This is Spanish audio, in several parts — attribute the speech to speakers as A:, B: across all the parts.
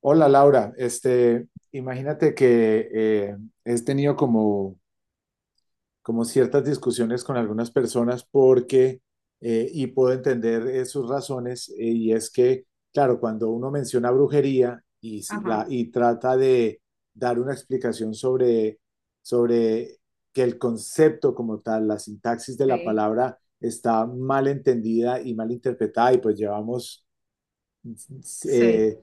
A: Hola Laura, imagínate que he tenido como, como ciertas discusiones con algunas personas porque, y puedo entender sus razones, y es que, claro, cuando uno menciona brujería y, la,
B: Ajá,
A: y trata de dar una explicación sobre, sobre que el concepto como tal, la sintaxis de la
B: sí,
A: palabra está mal entendida y mal interpretada, y pues llevamos
B: sí,
A: eh,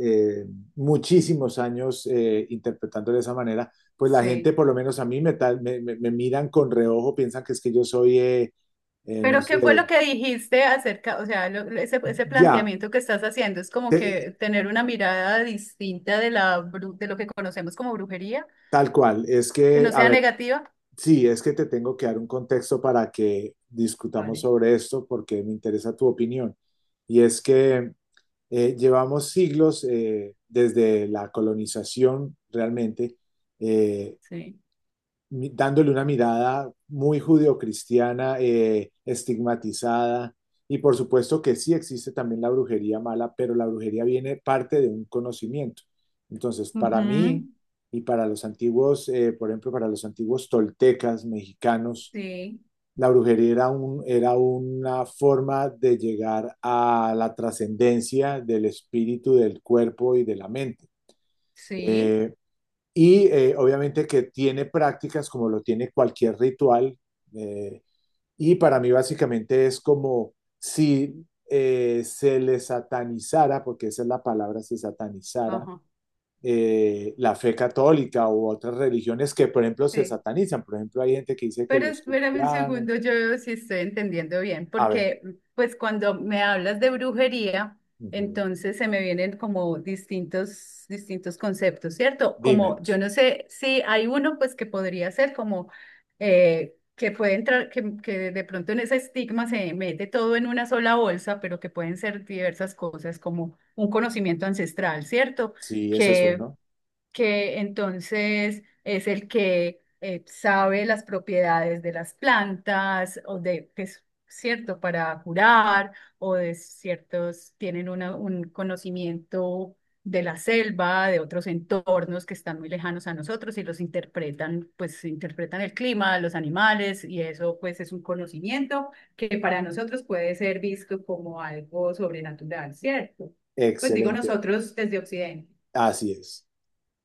A: eh, muchísimos años interpretando de esa manera, pues la gente,
B: sí.
A: por lo menos a mí, me, tal- me- me miran con reojo, piensan que es que yo soy, no
B: Pero ¿qué fue lo
A: sé,
B: que dijiste acerca, o sea, ese
A: ya,
B: planteamiento que estás haciendo es como
A: te-
B: que tener una mirada distinta de de lo que conocemos como brujería,
A: tal cual. Es
B: que
A: que,
B: no
A: a
B: sea
A: ver,
B: negativa?
A: sí, es que te tengo que dar un contexto para que discutamos
B: Vale,
A: sobre esto porque me interesa tu opinión. Y es que llevamos siglos desde la colonización realmente eh,
B: sí.
A: dándole una mirada muy judeocristiana, estigmatizada. Y por supuesto que sí existe también la brujería mala, pero la brujería viene parte de un conocimiento. Entonces, para mí
B: Ujú,
A: y para los antiguos, por ejemplo, para los antiguos toltecas mexicanos,
B: Sí,
A: la brujería era un, era una forma de llegar a la trascendencia del espíritu, del cuerpo y de la mente.
B: sí,
A: Eh, obviamente que tiene prácticas como lo tiene cualquier ritual. eh, y para mí básicamente es como si se le satanizara, porque esa es la palabra, se satanizara
B: ajá,
A: la fe católica u otras religiones que, por ejemplo, se
B: sí.
A: satanizan. Por ejemplo, hay gente que dice que
B: Pero
A: los
B: espérame un segundo,
A: cristianos...
B: yo veo si estoy entendiendo bien,
A: A ver,
B: porque pues cuando me hablas de brujería,
A: ujú,
B: entonces se me vienen como distintos, distintos conceptos, ¿cierto? Como yo
A: dímelos.
B: no sé si hay uno pues que podría ser como que puede entrar, que de pronto en ese estigma se mete todo en una sola bolsa, pero que pueden ser diversas cosas como un conocimiento ancestral, ¿cierto?
A: Sí, ese es
B: que
A: uno.
B: que entonces es el que sabe las propiedades de las plantas o de, que es cierto, para curar o de ciertos, tienen un conocimiento de la selva, de otros entornos que están muy lejanos a nosotros y los interpretan, pues interpretan el clima, los animales y eso pues es un conocimiento que para nosotros puede ser visto como algo sobrenatural, ¿cierto? Pues digo
A: Excelente.
B: nosotros desde Occidente,
A: Así es.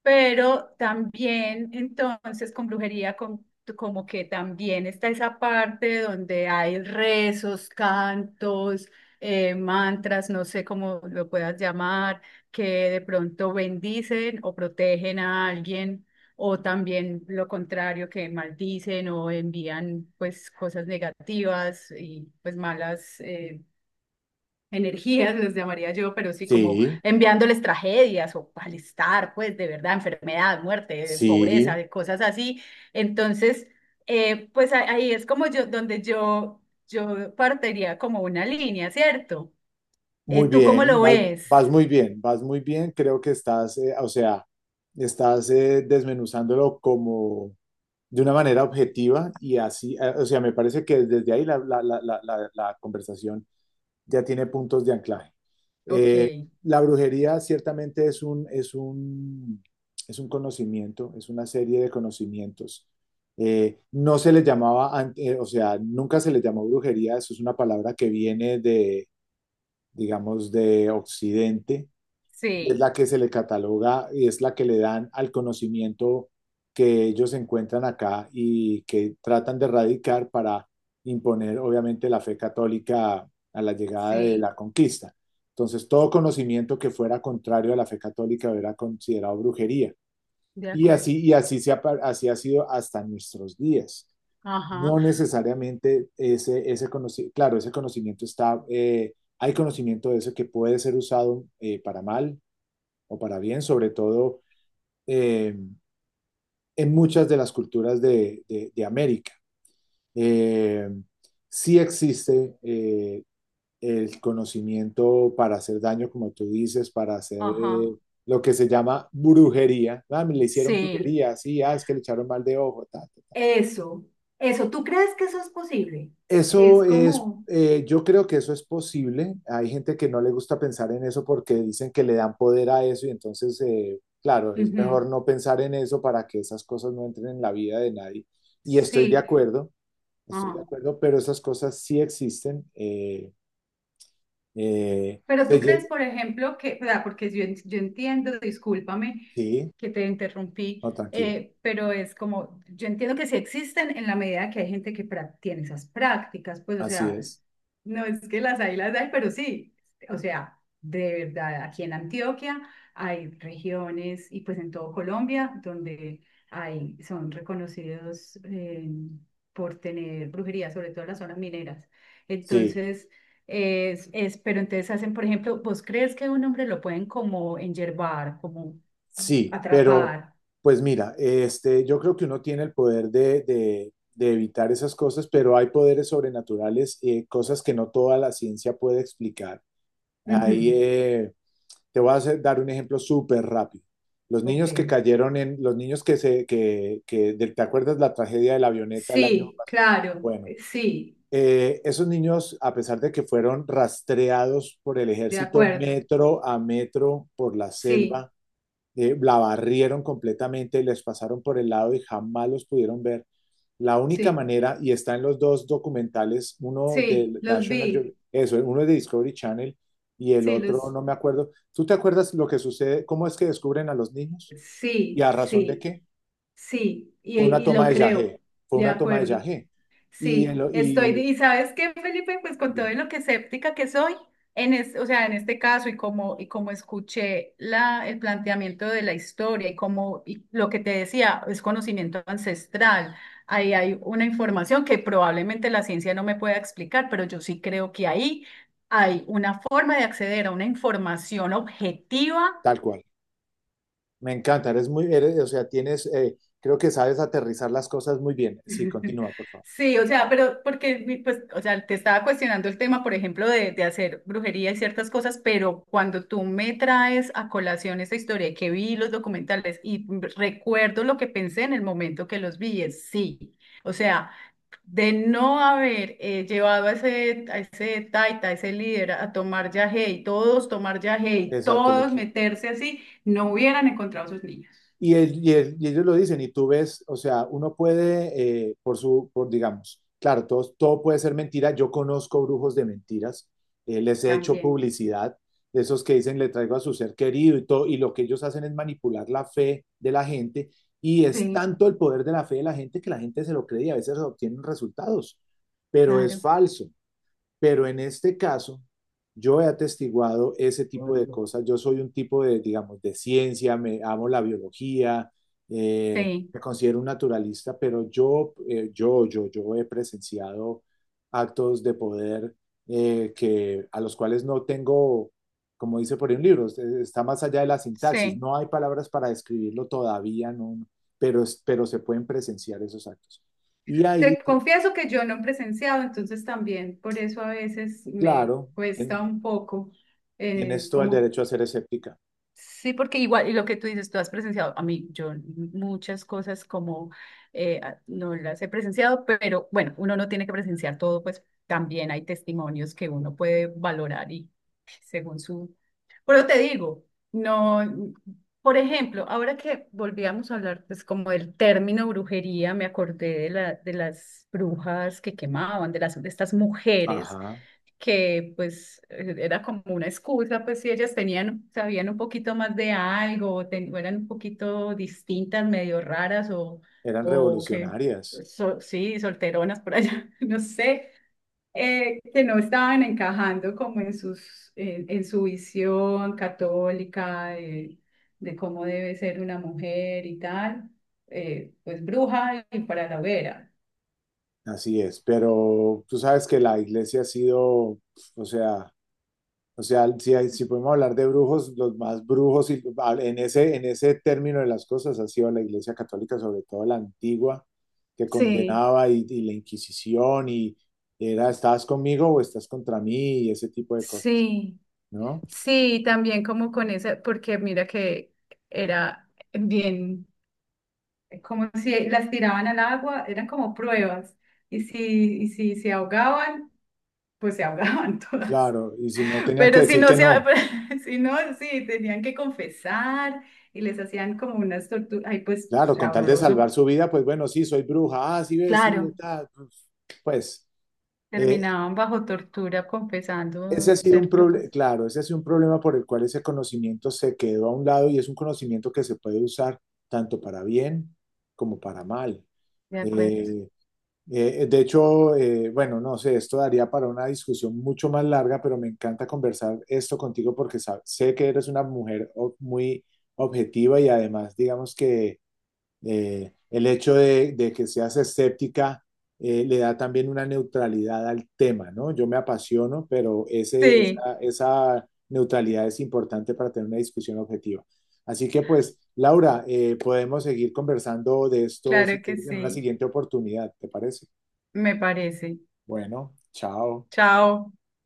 B: pero también entonces con como que también está esa parte donde hay rezos, cantos, mantras, no sé cómo lo puedas llamar, que de pronto bendicen o protegen a alguien. O también lo contrario, que maldicen o envían pues cosas negativas y pues malas energías, les llamaría yo, pero sí como
A: Sí,
B: enviándoles tragedias o malestar, pues de verdad, enfermedad, muerte, pobreza,
A: sí.
B: de cosas así. Entonces, ahí es como yo partiría como una línea, ¿cierto?
A: Muy
B: ¿Tú cómo
A: bien,
B: lo
A: vas,
B: ves?
A: vas muy bien, vas muy bien. Creo que estás, o sea, estás desmenuzándolo como de una manera objetiva y así, o sea, me parece que desde ahí la conversación ya tiene puntos de anclaje.
B: Ok,
A: Eh, la brujería ciertamente es un conocimiento, es una serie de conocimientos. No se le llamaba, o sea, nunca se le llamó brujería, eso es una palabra que viene digamos, de Occidente, y es
B: sí,
A: la que se le cataloga y es la que le dan al conocimiento que ellos encuentran acá y que tratan de erradicar para imponer, obviamente, la fe católica a la llegada de
B: sí,
A: la conquista. Entonces, todo conocimiento que fuera contrario a la fe católica era considerado brujería.
B: de acuerdo.
A: Y así, así ha sido hasta nuestros días.
B: Ajá,
A: No necesariamente ese, ese conocimiento, claro, ese conocimiento está, hay conocimiento de eso que puede ser usado para mal o para bien, sobre todo eh, en muchas de las culturas de América. Eh, sí existe el conocimiento para hacer daño, como tú dices, para hacer
B: ajá,
A: lo que se llama brujería. Ah, me le hicieron
B: sí.
A: brujería, sí, ah, es que le echaron mal de ojo, ta, ta.
B: Eso, eso, ¿tú crees que eso es posible? Que
A: Eso
B: es
A: es,
B: como,
A: yo creo que eso es posible. Hay gente que no le gusta pensar en eso porque dicen que le dan poder a eso y entonces, claro, es
B: ujú,
A: mejor no pensar en eso para que esas cosas no entren en la vida de nadie. Y
B: sí.
A: estoy de
B: Ajá.
A: acuerdo, pero esas cosas sí existen.
B: Pero
A: Se
B: tú crees,
A: llega,
B: por ejemplo, que, o sea, porque yo, yo entiendo, discúlpame
A: sí,
B: que te interrumpí,
A: no, tranquila,
B: pero es como, yo entiendo que sí existen en la medida que hay gente que tiene esas prácticas, pues, o
A: así
B: sea,
A: es.
B: no es que las hay, pero sí, o sea, de verdad, aquí en Antioquia hay regiones y pues en todo Colombia donde hay, son reconocidos por tener brujería, sobre todo en las zonas mineras.
A: Sí.
B: Entonces, es, pero entonces hacen, por ejemplo, ¿vos crees que un hombre lo pueden como enyervar, como
A: Sí, pero
B: atrapar?
A: pues mira, yo creo que uno tiene el poder de evitar esas cosas, pero hay poderes sobrenaturales, cosas que no toda la ciencia puede explicar. Ahí
B: Ujú.
A: te dar un ejemplo súper rápido. Los niños que
B: Ok.
A: cayeron en, los niños que se, que, de- ¿te acuerdas la tragedia de la avioneta el año
B: Sí,
A: pasado?
B: claro,
A: Bueno,
B: sí,
A: esos niños, a pesar de que fueron rastreados por el
B: de
A: ejército
B: acuerdo.
A: metro a metro por la
B: Sí,
A: selva, la barrieron completamente, les pasaron por el lado y jamás los pudieron ver. La única
B: sí,
A: manera, y está en los dos documentales, uno
B: sí,
A: del
B: los vi,
A: Eso, uno es de Discovery Channel y el
B: sí,
A: otro no me acuerdo. ¿Tú te acuerdas lo que sucede? ¿Cómo es que descubren a los niños? ¿Y
B: sí,
A: a razón de
B: sí,
A: qué?
B: sí,
A: Fue una
B: y lo
A: toma de
B: creo,
A: Yagé, fue
B: de
A: una toma de
B: acuerdo.
A: Yagé. Y,
B: Sí, estoy, y sabes qué, Felipe, pues con todo en lo que escéptica que soy, o sea, en este caso y como escuché el planteamiento de la historia y como y lo que te decía, es conocimiento ancestral, ahí hay una información que probablemente la ciencia no me pueda explicar, pero yo sí creo que ahí hay una forma de acceder a una información objetiva.
A: tal cual. Me encanta, eres muy, eres, o sea, tienes, creo que sabes aterrizar las cosas muy bien. Sí, continúa, por favor.
B: Sí, o sea, pero porque, pues, o sea, te estaba cuestionando el tema, por ejemplo, de hacer brujería y ciertas cosas, pero cuando tú me traes a colación esta historia y que vi los documentales y recuerdo lo que pensé en el momento que los vi, es sí. O sea, de no haber llevado a ese taita, a ese líder a tomar yagé y todos tomar yagé y
A: Exacto, el
B: todos
A: equipo.
B: meterse así, no hubieran encontrado a sus niños.
A: Y, y ellos lo dicen, y tú ves, o sea, uno puede, por su, por digamos, claro, todo, todo puede ser mentira. Yo conozco brujos de mentiras, les he hecho
B: También.
A: publicidad, de esos que dicen le traigo a su ser querido y todo, y lo que ellos hacen es manipular la fe de la gente, y es
B: Sí,
A: tanto el poder de la fe de la gente que la gente se lo cree y a veces obtienen resultados, pero es
B: claro.
A: falso. Pero en este caso, yo he atestiguado ese tipo de cosas. Yo soy un tipo de, digamos, de ciencia, me amo la biología,
B: Sí.
A: me considero un naturalista, pero yo he presenciado actos de poder que a los cuales no tengo, como dice por ahí un libro, está más allá de la sintaxis.
B: Sí,
A: No hay palabras para describirlo todavía, no, no, pero, pero se pueden presenciar esos actos. Y ahí,
B: te confieso que yo no he presenciado, entonces también por eso a veces me
A: claro,
B: cuesta un poco
A: tienes todo el
B: como...
A: derecho a ser escéptica.
B: Sí, porque igual, y lo que tú dices, tú has presenciado, a mí, yo muchas cosas como no las he presenciado, pero bueno, uno no tiene que presenciar todo, pues también hay testimonios que uno puede valorar y según su... Pero te digo, no, por ejemplo, ahora que volvíamos a hablar, pues como del término brujería, me acordé de de las brujas que quemaban, de de estas mujeres
A: Ajá,
B: que pues era como una excusa, pues si ellas tenían, sabían un poquito más de algo, o eran un poquito distintas, medio raras
A: eran
B: o que,
A: revolucionarias,
B: sí, solteronas por allá, no sé, que no estaban encajando como en en su visión católica de cómo debe ser una mujer y tal, pues bruja y para la hoguera.
A: así es, pero tú sabes que la iglesia ha sido, o sea, o sea, si, si podemos hablar de brujos, los más brujos y, ah, en ese término de las cosas ha sido la iglesia católica, sobre todo la antigua, que
B: Sí,
A: condenaba y la Inquisición y era, ¿estás conmigo o estás contra mí? Y ese tipo de cosas,
B: sí,
A: ¿no?
B: sí, también como con esa, porque mira que era bien. Es como si las tiraban al agua, eran como pruebas. Y si se ahogaban, pues se ahogaban todas.
A: Claro, y si no, tenían que
B: Pero si
A: decir
B: no,
A: que no.
B: si no, sí, tenían que confesar y les hacían como unas torturas. Ay, pues, o
A: Claro, con
B: sea,
A: tal de
B: horroroso.
A: salvar su vida, pues bueno, sí, soy bruja, ah, sí ves, sí,
B: Claro,
A: está. Pues eh,
B: terminaban bajo tortura
A: ese ha
B: confesando
A: sido un
B: ser
A: problema,
B: brujas.
A: claro, ese ha sido un problema por el cual ese conocimiento se quedó a un lado y es un conocimiento que se puede usar tanto para bien como para mal.
B: De acuerdo.
A: Eh, de hecho, bueno, no sé, esto daría para una discusión mucho más larga, pero me encanta conversar esto contigo porque sé que eres una mujer muy objetiva y además, digamos que el hecho que seas escéptica le da también una neutralidad al tema, ¿no? Yo me apasiono, pero esa,
B: Sí,
A: esa neutralidad es importante para tener una discusión objetiva. Así que pues, Laura, podemos seguir conversando de esto si
B: claro que
A: quieres en una
B: sí,
A: siguiente oportunidad, ¿te parece?
B: me parece.
A: Bueno, chao.
B: Chao.